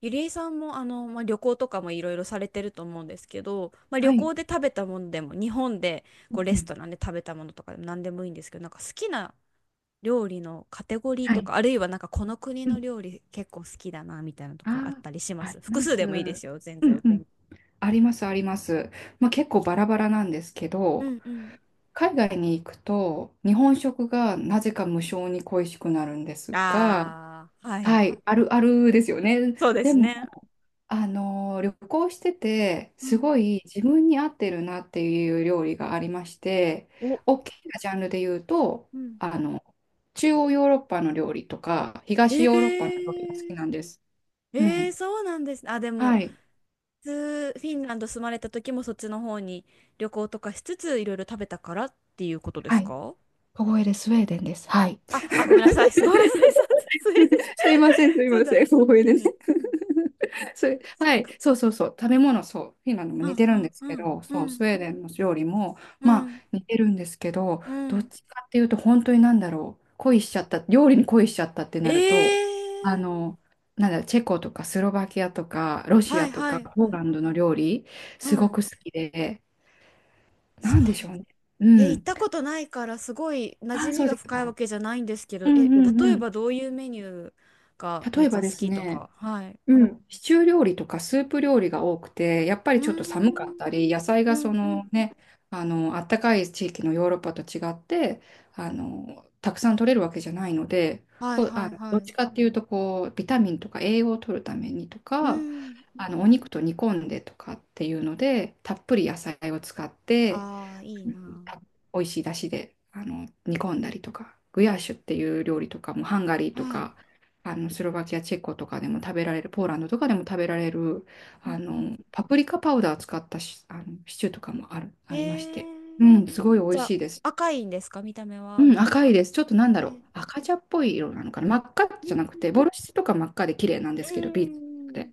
ゆりえさんもまあ、旅行とかもいろいろされてると思うんですけど、まあ、旅はい。行で食べたものでも日本でうこんうレうスん。トランで食べたものとかでも何でもいいんですけど、なんか好きな料理のカテゴリーはとね、か、あるいはなんかこの国い。うのん。料理結構好きだなみたいなのとかあっあたりしあ、まありす複ま数す。でもいいですよ、全うん然。うん。あります、あります。まあ結構バラバラなんですけうど、んうん。海外に行くと日本食がなぜか無性に恋しくなるんですが、ああ、ははい。い、あるあるですよね。そうでですも、ね。旅行してて、うすん。ごい自分に合ってるなっていう料理がありまして、お、大きなジャンルで言うと、うん。あの、中央ヨーロッパの料理とか、え東ヨーロッパの料理が好きー、なんです。うえー、ん。そうなんです。あ、でもはい。フィンランド住まれた時もそっちの方に旅行とかしつついろいろ食べたからっていうことではすい。か？小声でスウェーデンです。はい。あ、あ、ごめんなさい。す、ごめんなさい。そう、スウェーデン。 すいません、すいそうまだ。せん、小声うでね。ん。それ、そはうか。い、そうそうそう、食べ物、そう、フィンランドもう似んてうるんんですうけんど、うそう、スん。ウェーデンの料理も、うまあ、ん似てるんですけど、うどっん。ちかっていうと、本当になんだろう、恋しちゃった、料理に恋しちゃったってなると、ええあー。の、なんだろう、チェコとかスロバキアとか、ロシはアいとはか、いポーはい。ランドの料理、うすごん。く好きで、なそう。んでしょうね。え、う行っん。たことないからすごい馴染あ、そみうがです深いわか。けじゃないんですけうど、え、んうん例うえん。ばどういうメニューがめ例っえちばゃで好すきとね、か。はい。うん、シチュー料理とかスープ料理が多くて、やっぱうりーちょっと寒かっん。たり、野菜うがそんうん。のね、あったかい地域のヨーロッパと違って、たくさん取れるわけじゃないので、はいこはあいの、はどっい。ちかっていうと、こう、ビタミンとか栄養を取るためにとうか、ん、うおん。肉と煮込んでとかっていうので、たっぷり野菜を使って、ああ、いいな。た美味しい出汁で煮込んだりとか、グヤーシュっていう料理とかもハンガリーとはい。か、スロバキア、チェコとかでも食べられる、ポーランドとかでも食べられる、うんうん。パプリカパウダー使ったし、シチューとかもありまへして、うん、え。すごい美じ味ゃあ、しいです。赤いんですか、見た目は？うん、赤いです。ちょっとなんえだろー、う。赤茶っぽい色なのかな。真っ赤うんじゃうなくて、ボルシチとか真っ赤で綺麗なんですん。けど、ビーツで。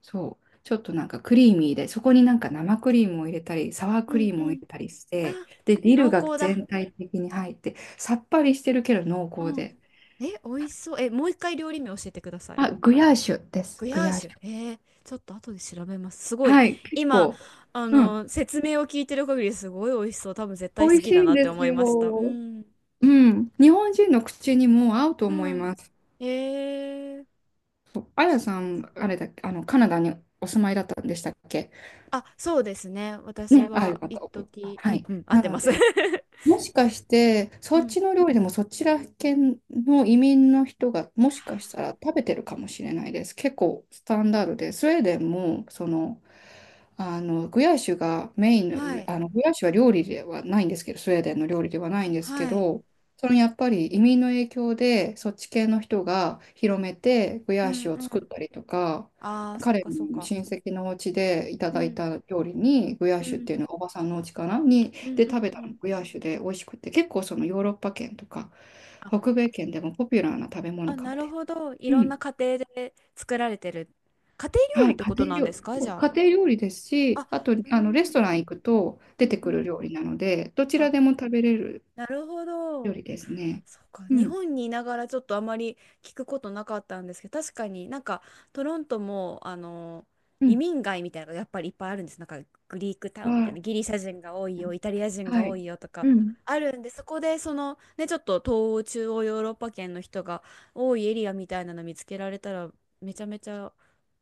そう。ちょっとなんかクリーミーで、そこになんか生クリームを入れたり、サワーうクんリーうムを入ん。れたりしあ、て、で、ディル濃が厚だ。全体的に入って、さっぱりしてるけど濃う厚ん。で。え、美味しそう。え、もう一回料理名教えてください。あ、グヤーシュです。ググヤーヤーシシュ。ュ。えー、ちょっと後で調べます。すごい。はい、結今、構、うん、説明を聞いてる限りすごい美味しそう。多分絶対美好味しきだいんなっでて思すいました。うよ。ん。うん、日本人の口にも合うとう思いん。ます。えー。あやさん、あれだっけ、カナダにお住まいだったんでしたっけ。あ、そうですね。私ね、ああ、よはかっ一た。時、うはんい。うん、合っなてのます。で、もしかして、うそっん。ちの料理でもそちら系の移民の人がもしかしたら食べてるかもしれないです。結構スタンダードで、スウェーデンもその、グヤッシュがメイはンの、い。グヤッシュは料理ではないんですけど、スウェーデンの料理ではないんですけはい。ど、そのやっぱり移民の影響でそっち系の人が広めてグうヤッんシュをう作ん。ったりとか、ああ、そう彼かそうのか。親戚のお家でいたうだいん。た料理にグヤッうシュっんていうのがおばさんのお家かなにうんでうん食べうたのん。がグヤーシュで美味しくて、結構そのヨーロッパ圏とかあ、北米圏でもポピュラーな食べ物あ、かなもるです。ほど。いうろんん。な家庭で作られてる。家庭料は理っい、て家ことなん庭です料、か、そじう、家ゃ庭料理ですあ。し、あ、あと、うレスんトラン行くとう出んてうくるん。料理なので、どちらあ、でも食べれるなるほ料ど。理ですね。そうか、う日ん、本にいながらちょっとあまり聞くことなかったんですけど、確かになんかトロントもう移ん。民街みたいなのがやっぱりいっぱいあるんです。なんかグリークタウンみはたいい。な、ギリシャ人が多いよ、イタリア人がは多い。いよとかうん。あるんで、そこでそのね、ちょっと東欧、中央ヨーロッパ圏の人が多いエリアみたいなの見つけられたら、めちゃめちゃ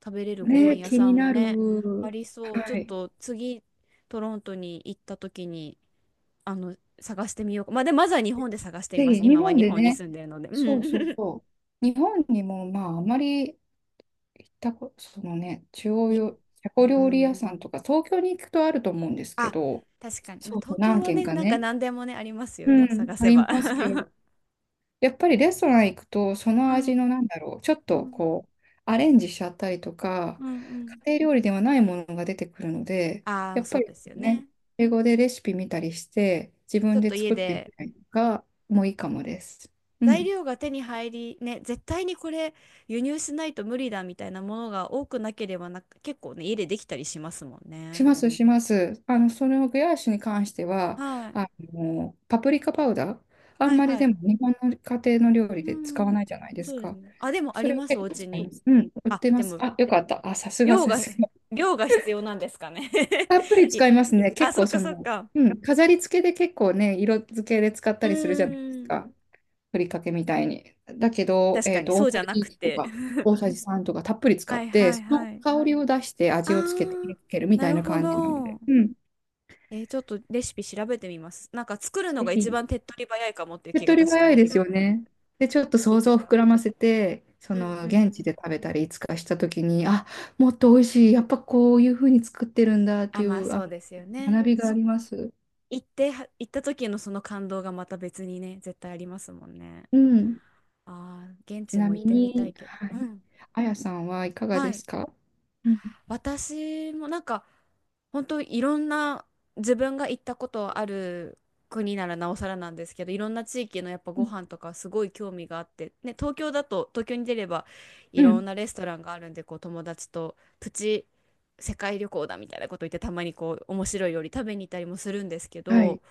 食べれるご飯ね、屋気さにんもなね、ある。りそう。ちょはっい。と次、トロントに行った時に探してみようか。まあ、でまずは日本で探していぜまひ、す、日今は本日で本にね、住んでるので。そうそううん。 そう。日本にも、まあ、あまり行ったこと、そのね、中 央に。よ、タうコ料理屋ん。さんとか、東京に行くとあると思うんですけあ、ど、確かに、まあ、そうそう。東京何は軒ね、かなんかね、何でもね、ありますようね、ん。探あせりば。 ますけど、やっぱりレストラン行くと、そのう味んのなんだろう、ちょっうとんこう、アレンジしちゃったりとか、うんうん。家庭料理ではないものが出てくるので、あやあ、っそぱうりですよね、ね。英語でレシピ見たりして、自ちょ分っでと家作ってみでたりとかもいいかもです。う材ん。料が手に入りね、絶対にこれ輸入しないと無理だみたいなものが多くなければ、な結構ね、家でできたりしますもんしね。ます、します。そのグヤーシュに関しては、はいあパプリカパウダー、あはんいまりはでい。も日本の家庭の料理うで使わん、ないじゃないですそうですか。ね。あ、でもあそりれをますお結構家使いに。ます。うん、売っあ、てまです。もあ、よかった。あ、さすが量さが、すが。量が必要なんですかね。 たっぷりい、使いますね。あ、結そ構っかそそっの、か。うん、飾り付けで結構ね、色付けで使っうたりするじゃないですーん。か。ふりかけみたいに。だけど、確かに、そ大うじさゃなじいくちとて。か、大さじ3とかたっぷり使はっいて、はいそのはい。香りを出してあ味をつけてー、入れてるみなたいるなほ感じなので。ど。うん。えー、ちょっとレシピ調べてみます。なんか作るのぜが一ひ番手っ取り早いかもっていう手っ気が、取り確か早いに。でうすんようん、ね。で、ちょっと聞い想て像をた膨ら。らませて、そうんのう現地ん。で食べたりいつかした時に、あ、もっと美味しい、やっぱこういうふうに作ってるんだっあ、ていまあう、あ、そうですよね。学びがあそ、ります。行っては、行った時のその感動がまた別にね、絶対ありますもんね。うん。ああ、現ち地なも行っみてみたいに、けど。はうい。ん。あやさんはいかがはでい。すか？うん。私もなんか本当いろんな自分が行ったことある国ならなおさらなんですけど、いろんな地域のやっぱうごん。飯とかすごい興味があって、ね、東京だと東京に出ればいうろんんなレストランがあるんで、こう友達とプチ世界旅行だみたいなこと言って、たまにこう面白い料理食べに行ったりもするんですけはど、い。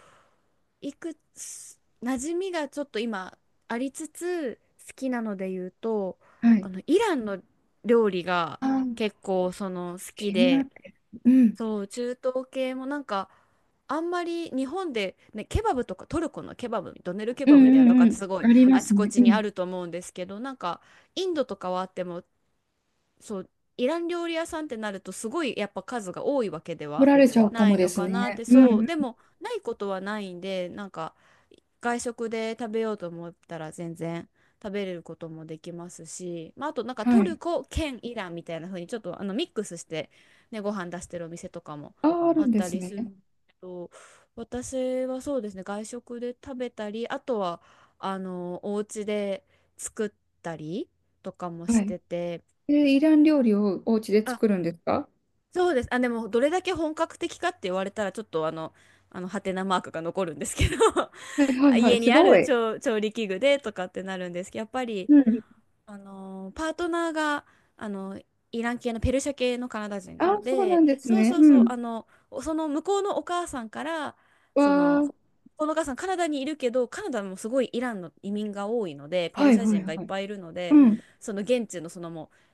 いくつ、馴染みがちょっと今ありつつ、好きなので言うと、はい。イランの料理があ、結構その好き気になっで、てる。うん。そう、中東系もなんか、あんまり日本で、ね、ケバブとかトルコのケバブ、ドネルケうバブみたいなんのうとかんっうてん。すごいありまあちすこね。ちうにあん。ると思うんですけど、なんかインドとかはあっても、そうイラン料理屋さんってなるとすごいやっぱ数が多いわけで取はられちゃうかなもいでのすかなっね。て、うそうん。でもないことはないんで、なんか外食で食べようと思ったら全然食べれることもできますし、まあ、あとなんかトはルい。コ兼イランみたいな風にちょっとミックスして、ね、ご飯出してるお店とかもあ、ああるっんでたすりね。するんですけど、私はそうですね、外食で食べたり、あとはお家で作ったりとかもしはい。てて。え、イラン料理をお家であ、作るんですか？そうです。あ、でもどれだけ本格的かって言われたらちょっとあのハテナマークが残るんですけど、はいはいはい。家にすあごるい。調、調理器具でとかってなるんですけど、やっぱり、うん。パートナーが、あの、イラン系のペルシャ系のカナダ人なあ、のそうなで、んですそうね。そううそう、ん。その向こうのお母さんから、わその、ー。このお母さんカナダにいるけど、カナダもすごいイランの移民が多いので、ペルはいシャはい人がいっはい。ぱいいるので、うん。その現地のそのもう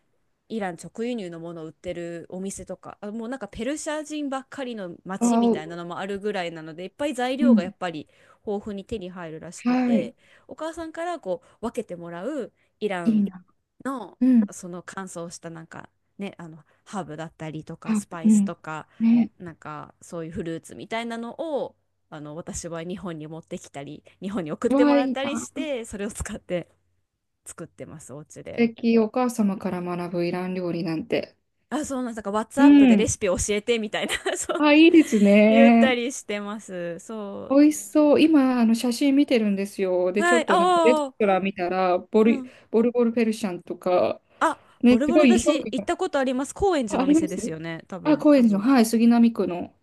イラン直輸入のものを売ってるお店とか、あ、もうなんかペルシャ人ばっかりのわ街みたいなお。のもあるぐらいなので、いっぱい材う料がやん。っぱり豊富に手に入るらしくはい。て、お母さんからこう分けてもらうイラいいンな。のうん。その乾燥したなんかね、ハーブだったりとかあ、スパうイスん。とか、ね。なんかそういうフルーツみたいなのを私は日本に持ってきたり、日本に送っわてもー、らいっいたりな。して、それを使って作ってます、お家素で。敵。お母様から学ぶイラン料理なんて。あ、そうなんです。なんか、う WhatsApp でレん。シピ教えてみたいな。 そう、あ、いいです言ったね。りしてます。そ美味しそう。今、写真見てるんですよ。う。で、ちはょい、っとなんかレスああ、トラン見たら、ボうル、ん。ボルボルペルシャンとか、あ、ボね、ルすボごルだい評価し、行っが、たことあります。高円寺あ、のあおり店まです。すよね、多あ、分。高円寺の、はい、杉並区の。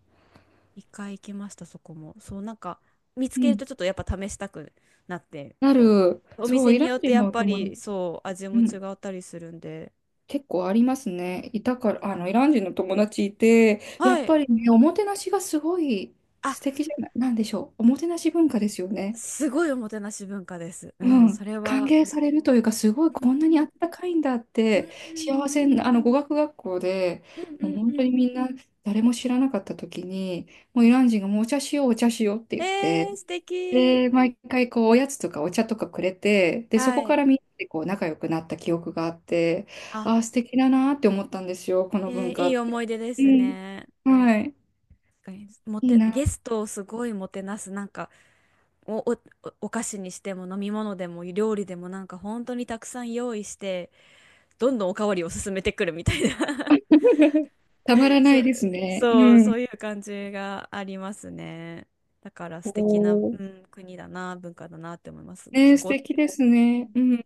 一回行きました、そこも。そう、なんか、見つうけるん。とちょっとやっぱ試したくなって。なる、おそう、店イにランよって人やのっおぱ友達、り、そう、味うも違ん、ったりするんで。結構ありますね。いたから、イラン人の友達いて、やはっい。ぱりね、おもてなしがすごいあ、素敵じゃない、なんでしょう。おもてなし文化ですよね。すごいおもてなし文化です。ううん、ん。それ歓は。迎されるというか、すごいうこんんうなにあん。ったかいんだっうんうて、幸せん。な、語学学校で、うんうもうんう本当にん。みんな、誰も知らなかった時に、もうイラン人がもうお茶しよう、お茶しようってえ言って、ー、素敵。で、毎回こう、おやつとかお茶とかくれて、で、そはこかい。らみんなでこう、仲良くなった記憶があって、あ、ああ、素敵だなーって思ったんですよ、こえの文ー、化いっい思て。い出でうすんね。はい。確かに、もいいて、ゲな。ストをすごいもてなす、なんか、お、お、お、お菓子にしても飲み物でも料理でもなんか本当にたくさん用意して、どんどんおかわりを進めてくるみたいな。 たまら なそいう、ですね。そう、うそん。ういう感じがありますね。だから素敵な、おうー。ん、国だな、文化だなって思います。ね、結素構、敵ですうね。ん、うん。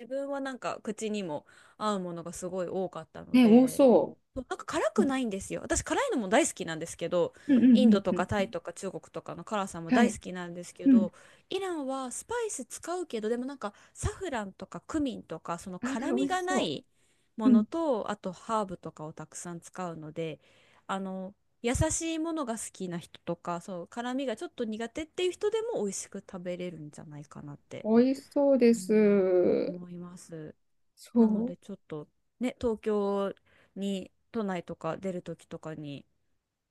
自分はなんか口にも合うものがすごい多かったのね、多で、そそうなんか辛う。くうんないんですよ。私辛いのも大好きなんですけど、うんうインドんとうかタイん。とか中国とかの辛さもは大い。好きなんですけうん。ど、イランはスパイス使うけど、でもなんかサフランとかクミンとかそのああ、辛美み味しがなそいもう。うのん。と、あとハーブとかをたくさん使うので、あの、優しいものが好きな人とか、そう、辛みがちょっと苦手っていう人でも美味しく食べれるんじゃないかなって、美味しそうでうん、す。思います。そなのう。でちょっとね、東京に都内とか出る時とかに、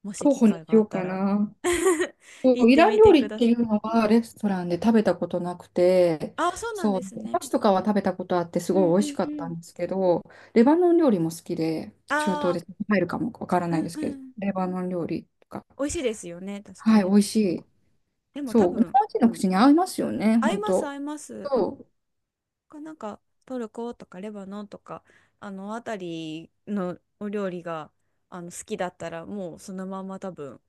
もし候機補に会しがあよっうたから な。そ行う、っイてランみ料てく理っだてさいうのい。うん、はレストランで食べたことなくて、あ、そうなんそう、ですおね。菓子とかは食べたことあってすうごいん美う味しんかうったん。んですけど、レバノン料理も好きで、中あ東あ、で入るかもわからうないんですうけど、ん。レバノン料理とか、美味しいですよね、確かはい、に。美味しあそい。こ。でも多そう、日分、本人の口に合いますよね、合い本ます、当。合います。そか、なんか、トルコとかレバノンとか、あの辺りのお料理が好きだったら、もうそのまま多分、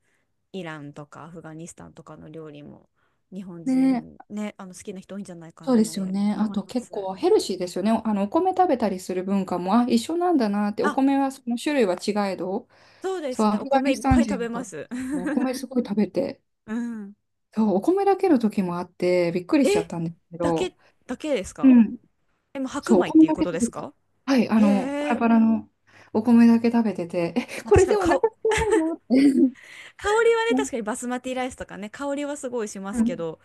イランとかアフガニスタンとかの料理も日本う、ね、人ね、好きな人多いんじゃないかそうなっですよてね。あ思いとま結す。構ヘルシーですよね。お米食べたりする文化も、あ、一緒なんだなって、おあ、米はその種類は違えど、そうでそすう、ね。アおフガ米いニスっタぱンい食人べとまかす。もお 米すごい食べて、うん。そう、お米だけの時もあって、びっくりえ、しちゃったんですけだけ、ど、だけですか？うん。え、もう白そう、お米っ米ていうだこけと食でべすてた。か？はい、パへラえ。パラのお米だけ食べてて、え、まあ、こ確れかでにお腹か、空かないのって、香りはね、確かにバスマティライスとかね、香りはすごいしまうすけん、ど、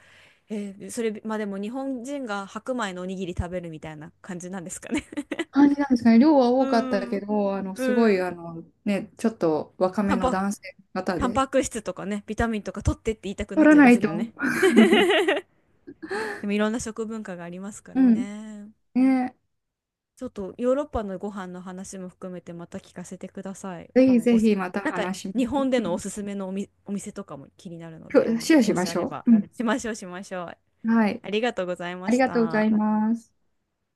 えー、それ、まあでも日本人が白米のおにぎり食べるみたいな感じなんですかね。感じなんですかね。量はう多かったけん、ど、すごうい、ん。ね、ちょっと若タめンのパ、男性の方タンで、パク質とかね、ビタミンとか取ってって言いたくなっ取らちゃいなますいけと。どね。でもいろんな食文化がありますからうん。ね。ね、ちょっとヨーロッパのご飯の話も含めてまた聞かせてください。ぜひおぜす、ひまたなんか話しま日しょ本でう。のおすすめのお、みお店とかも気になるの今で、日シェアしもしまあしれょばう。うん。しましょうしましょう。はい。ありがとうございまありしがとうございた。ます。